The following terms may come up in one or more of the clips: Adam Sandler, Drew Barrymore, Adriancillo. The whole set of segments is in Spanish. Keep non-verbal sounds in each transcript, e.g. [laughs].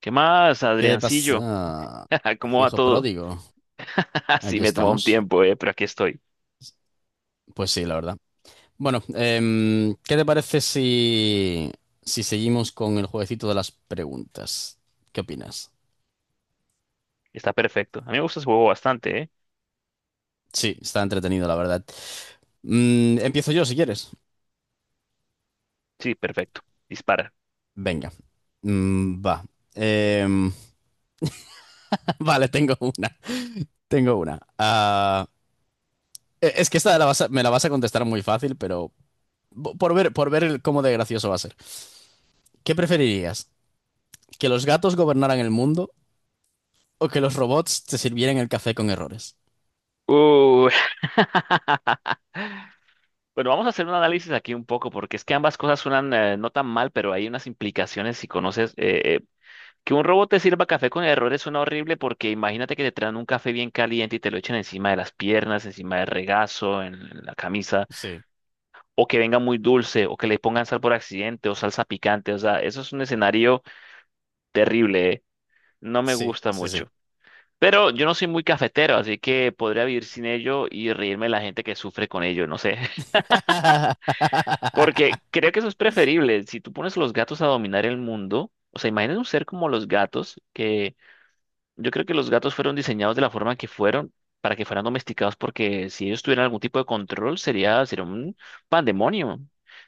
¿Qué más, ¿Qué Adriancillo? pasa? [laughs] ¿Cómo va Hijo todo? pródigo, [laughs] Sí, aquí me tomó un estamos. tiempo, pero aquí estoy. Pues sí, la verdad. Bueno, ¿qué te parece si, si seguimos con el jueguecito de las preguntas? ¿Qué opinas? Está perfecto. A mí me gusta ese juego bastante, ¿eh? Sí, está entretenido, la verdad. Empiezo yo, si quieres. Sí, perfecto. Dispara. Venga. Mm, va. Em, [laughs] vale, tengo una. Tengo una. Es que esta me la vas a contestar muy fácil, pero por ver cómo de gracioso va a ser. ¿Qué preferirías? ¿Que los gatos gobernaran el mundo? ¿O que los robots te sirvieran el café con errores? Uh, [laughs] bueno, vamos a hacer un análisis aquí un poco, porque es que ambas cosas suenan no tan mal, pero hay unas implicaciones si conoces, que un robot te sirva café con errores suena horrible, porque imagínate que te traen un café bien caliente y te lo echen encima de las piernas, encima del regazo, en la camisa, Sí, o que venga muy dulce, o que le pongan sal por accidente, o salsa picante. O sea, eso es un escenario terrible, ¿eh? No me sí, gusta sí, sí. mucho. Pero yo no soy muy cafetero, así que podría vivir sin ello y reírme de la gente que sufre con ello, no sé. [laughs] Porque [laughs] creo que eso es preferible. Si tú pones a los gatos a dominar el mundo, o sea, imagínate un ser como los gatos que... Yo creo que los gatos fueron diseñados de la forma que fueron para que fueran domesticados, porque si ellos tuvieran algún tipo de control, sería un pandemonio.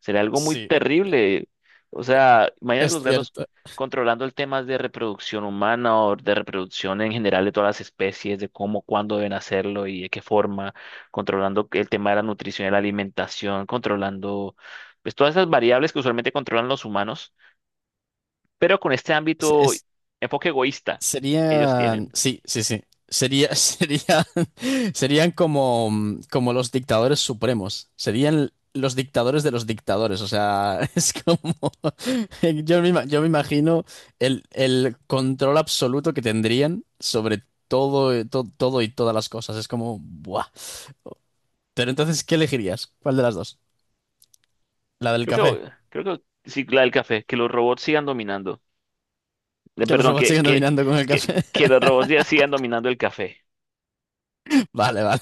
Sería algo muy Sí, terrible. O sea, imagínate es los gatos cierto. controlando el tema de reproducción humana o de reproducción en general de todas las especies, de cómo, cuándo deben hacerlo y de qué forma, controlando el tema de la nutrición y la alimentación, controlando pues todas esas variables que usualmente controlan los humanos, pero con este Se- ámbito, es- enfoque egoísta, ellos Serían, tienen. sí, sí, sí. Sería, [laughs] serían como, como los dictadores supremos. Serían los dictadores de los dictadores. O sea, [laughs] es como, yo me imagino el control absoluto que tendrían sobre todo, todo y todas las cosas. Es como, ¡buah! Pero entonces, ¿qué elegirías? ¿Cuál de las dos? ¿La del Creo café? creo que sí, la del café, que los robots sigan dominando. Que los Perdón, robots siguen Sí. dominando con el que, café. que los robots ya sigan dominando el café. [laughs] Vale, vale.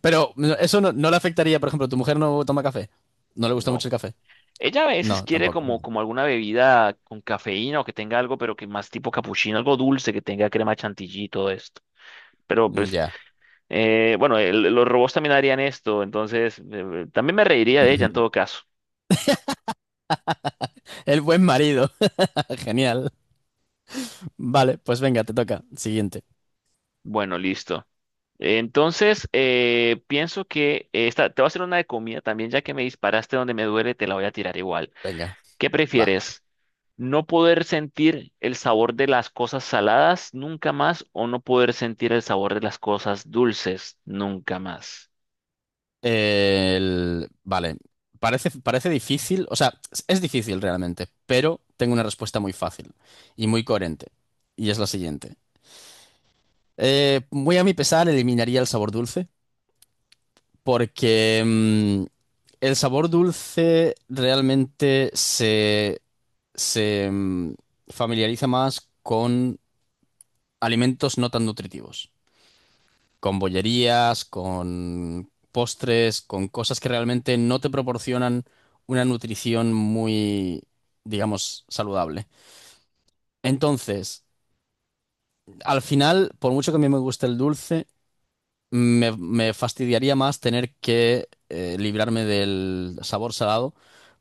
Pero eso no, no le afectaría, por ejemplo, tu mujer no toma café. No le gusta No. mucho el café. Ella a veces No, quiere tampoco. como, como alguna bebida con cafeína o que tenga algo, pero que más tipo capuchino, algo dulce, que tenga crema chantilly y todo esto. Pero pues, Ya. Bueno, los robots también harían esto, entonces también me reiría de ella en Ujú. todo caso. El buen marido. [laughs] Genial. Vale, pues venga, te toca. Siguiente. Bueno, listo. Entonces, pienso que esta, te voy a hacer una de comida también, ya que me disparaste donde me duele, te la voy a tirar igual. Venga, ¿Qué va. prefieres? ¿No poder sentir el sabor de las cosas saladas nunca más o no poder sentir el sabor de las cosas dulces nunca más? Vale. Parece difícil, o sea, es difícil realmente, pero tengo una respuesta muy fácil y muy coherente. Y es la siguiente. Muy a mi pesar, eliminaría el sabor dulce, porque el sabor dulce realmente se mm, familiariza más con alimentos no tan nutritivos, con bollerías, con postres, con cosas que realmente no te proporcionan una nutrición muy, digamos, saludable. Entonces, al final, por mucho que a mí me guste el dulce, me fastidiaría más tener que librarme del sabor salado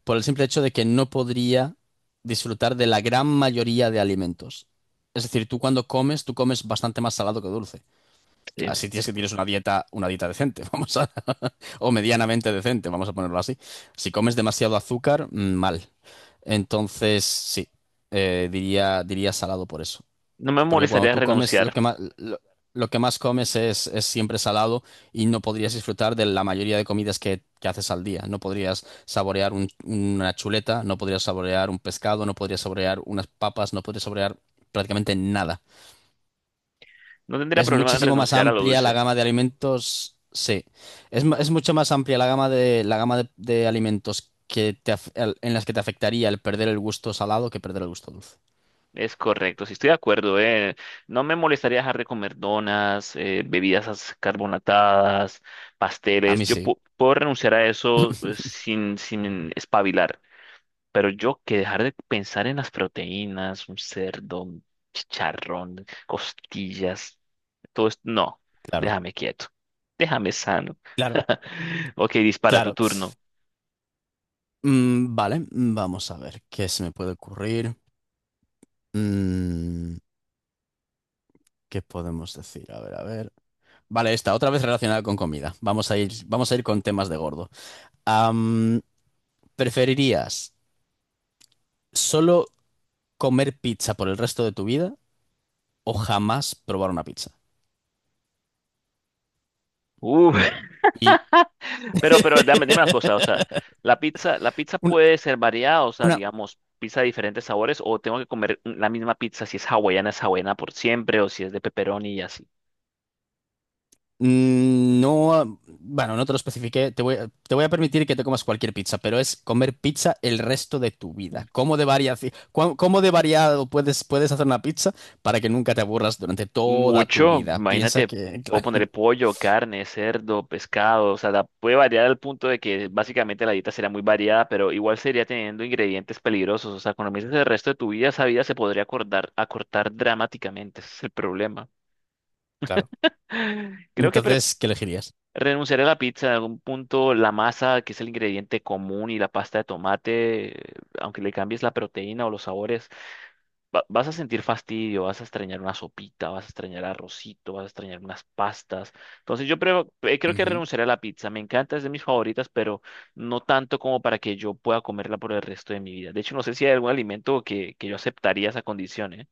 por el simple hecho de que no podría disfrutar de la gran mayoría de alimentos. Es decir, tú cuando comes, tú comes bastante más salado que dulce. Sí. Así tienes que tienes una dieta decente, [laughs] o medianamente decente, vamos a ponerlo así. Si comes demasiado azúcar, mal. Entonces, sí, diría salado por eso. No me Porque cuando molestaría tú comes, renunciar. Lo que más comes es siempre salado y no podrías disfrutar de la mayoría de comidas que haces al día. No podrías saborear una chuleta, no podrías saborear un pescado, no podrías saborear unas papas, no podrías saborear prácticamente nada. No tendría Es problema en muchísimo más renunciar a lo amplia la dulce. gama de alimentos, sí. Es mucho más amplia de alimentos que en las que te afectaría el perder el gusto salado que perder el gusto dulce. Es correcto, sí estoy de acuerdo, eh. No me molestaría dejar de comer donas, bebidas carbonatadas, A pasteles. mí sí, Puedo renunciar a eso sin espabilar. Pero yo que dejar de pensar en las proteínas, un cerdo, un chicharrón, costillas, todo esto, no, claro. déjame quieto, déjame sano. Claro, [laughs] Ok, dispara tu claro. turno. Vale, vamos a ver qué se me puede ocurrir. Mm, ¿Qué podemos decir? A ver, a ver. Vale, esta, otra vez relacionada con comida. Vamos a ir con temas de gordo. Am, ¿Preferirías solo comer pizza por el resto de tu vida o jamás probar una pizza? Uh, [laughs] Y pero dame, dime una cosa, o sea, [laughs] la pizza una, puede ser variada, o sea, una, digamos, pizza de diferentes sabores, o tengo que comer la misma pizza, si es hawaiana, es hawaiana por siempre, o si es de pepperoni y así. No, ah, bueno, no te lo especifiqué. Te voy a permitir que te comas cualquier pizza, pero es comer pizza el resto de tu vida. ¿Cómo de cómo de variado puedes hacer una pizza para que nunca te aburras durante toda tu Mucho, vida? Piensa imagínate, que, [laughs] puedo claro, ponerle pollo, carne, cerdo, pescado, o sea, puede variar al punto de que básicamente la dieta será muy variada, pero igual sería teniendo ingredientes peligrosos, o sea, cuando me dices el resto de tu vida, esa vida se podría acortar dramáticamente, ese es el problema. claro. [gasps] [sighs] Creo que... Entonces, ¿qué elegirías? renunciaré a la pizza, en algún punto la masa, que es el ingrediente común, y la pasta de tomate, aunque le cambies la proteína o los sabores, vas a sentir fastidio, vas a extrañar una sopita, vas a extrañar arrocito, vas a extrañar unas pastas. Entonces yo creo, creo que Ujú. renunciaré a la pizza. Me encanta, es de mis favoritas, pero no tanto como para que yo pueda comerla por el resto de mi vida. De hecho, no sé si hay algún alimento que yo aceptaría esa condición, ¿eh?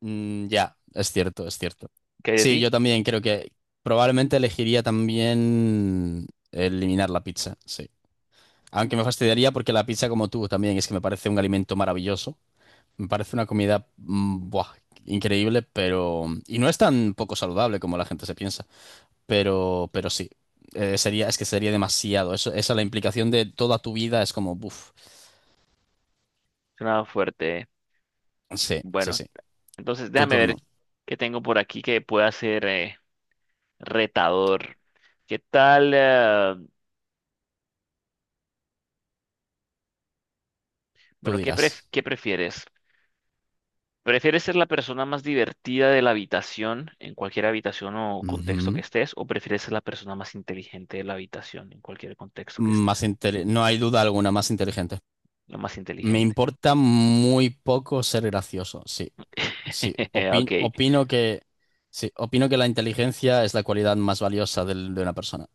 Ya, es cierto, es cierto. ¿Qué hay de Sí, yo ti? también creo que probablemente elegiría también eliminar la pizza, sí. Aunque me fastidiaría porque la pizza, como tú, también es que me parece un alimento maravilloso. Me parece una comida buah, increíble, pero... Y no es tan poco saludable como la gente se piensa, pero sí. Es que sería demasiado. Eso, esa es la implicación de toda tu vida es como, buf. Suena fuerte, ¿eh? Sí, sí, Bueno, sí. entonces Tu déjame turno, ver qué tengo por aquí que pueda ser retador. ¿Qué tal? Tú Bueno, dirás. ¿qué prefieres? ¿Prefieres ser la persona más divertida de la habitación, en cualquier habitación o contexto que Ujú. estés, o prefieres ser la persona más inteligente de la habitación, en cualquier contexto que estés? No hay duda alguna, más inteligente. La más Me inteligente. importa muy poco ser gracioso, sí, sí. [laughs] Ok. Opino que, sí, opino que la inteligencia es la cualidad más valiosa de una persona.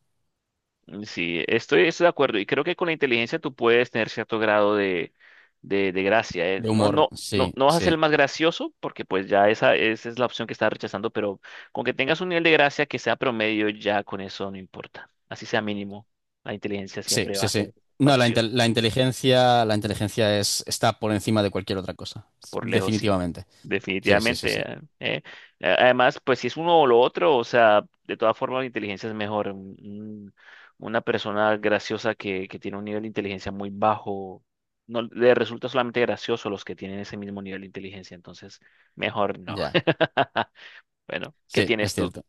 Mm, sí, estoy de acuerdo y creo que con la inteligencia tú puedes tener cierto grado de, de gracia, ¿eh? De humor, sí, No vas a ser sí. el más gracioso porque pues ya esa es la opción que estás rechazando, pero con que tengas un nivel de gracia que sea promedio, ya con eso no importa. Así sea mínimo, la inteligencia Sí, siempre va sí, a sí. ser la No, la, opción. intel- la inteligencia es, está por encima de cualquier otra cosa. Por lejos, sí. Definitivamente. Sí, sí, sí, Definitivamente. sí. Además, pues si es uno o lo otro, o sea, de todas formas la inteligencia es mejor. Una persona graciosa que tiene un nivel de inteligencia muy bajo, no le resulta solamente gracioso a los que tienen ese mismo nivel de inteligencia. Entonces, mejor no. Ya. [laughs] Bueno, ¿qué Sí, es tienes tú? cierto.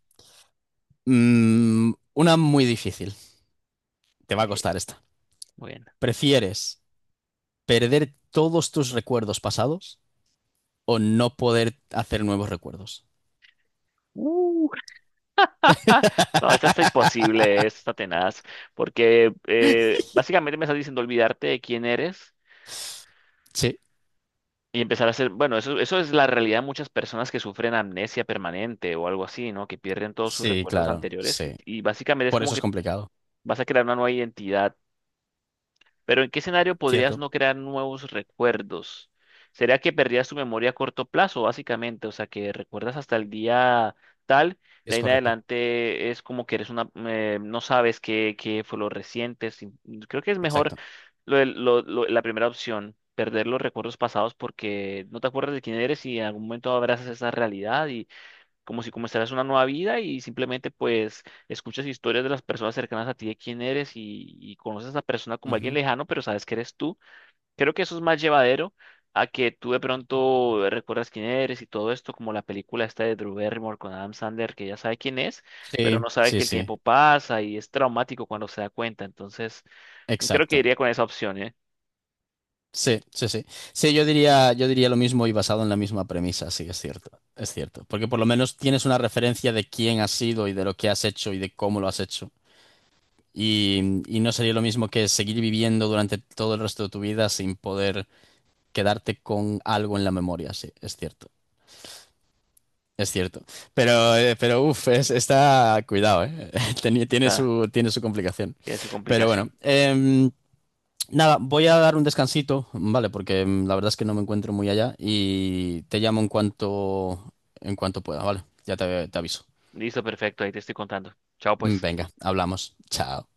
Una muy difícil. Te va a Ok, costar esta. muy bien. ¿Prefieres perder todos tus recuerdos pasados o no poder hacer nuevos recuerdos? Uh, [laughs] no, esta está [laughs] imposible, esta está tenaz, porque básicamente me estás diciendo olvidarte de quién eres. Sí, Y empezar a hacer, bueno, eso es la realidad de muchas personas que sufren amnesia permanente o algo así, ¿no? Que pierden todos sus sí, recuerdos claro, anteriores sí. y básicamente es Por como eso es que complicado. vas a crear una nueva identidad. Pero ¿en qué escenario podrías Cierto, no crear nuevos recuerdos? ¿Sería que perdías tu memoria a corto plazo, básicamente? O sea, que recuerdas hasta el día tal, de es ahí en correcto. adelante es como que eres una, no sabes qué, qué fue lo reciente. Creo que es mejor Exacto. lo del- lo- la primera opción, perder los recuerdos pasados porque no te acuerdas de quién eres y en algún momento abrazas esa realidad y como si comenzaras una nueva vida y simplemente pues escuchas historias de las personas cercanas a ti de quién eres y conoces a esa persona como alguien Ujú. lejano, pero sabes que eres tú. Creo que eso es más llevadero a que tú de pronto recuerdas quién eres y todo esto, como la película esta de Drew Barrymore con Adam Sandler, que ya sabe quién es, pero Sí, no sabe sí, que el sí. tiempo pasa y es traumático cuando se da cuenta. Entonces, creo que Exacto. iría con esa opción, ¿eh? Sí, sí, sí. Sí, yo diría lo mismo y basado en la misma premisa, sí, es cierto, es cierto. Porque por lo menos tienes una referencia de quién has sido y de lo que has hecho y de cómo lo has hecho. Y no sería lo mismo que seguir viviendo durante todo el resto de tu vida sin poder quedarte con algo en la memoria, sí, es cierto, es cierto. Pero uff, está, cuidado, eh. [laughs] Está, tiene su complicación. tiene su Pero bueno, complicación. Nada, voy a dar un descansito, vale, porque la verdad es que no me encuentro muy allá y te llamo en cuanto pueda, vale. Te aviso. Listo, perfecto, ahí te estoy contando. Chao, pues. Venga, hablamos. Chao.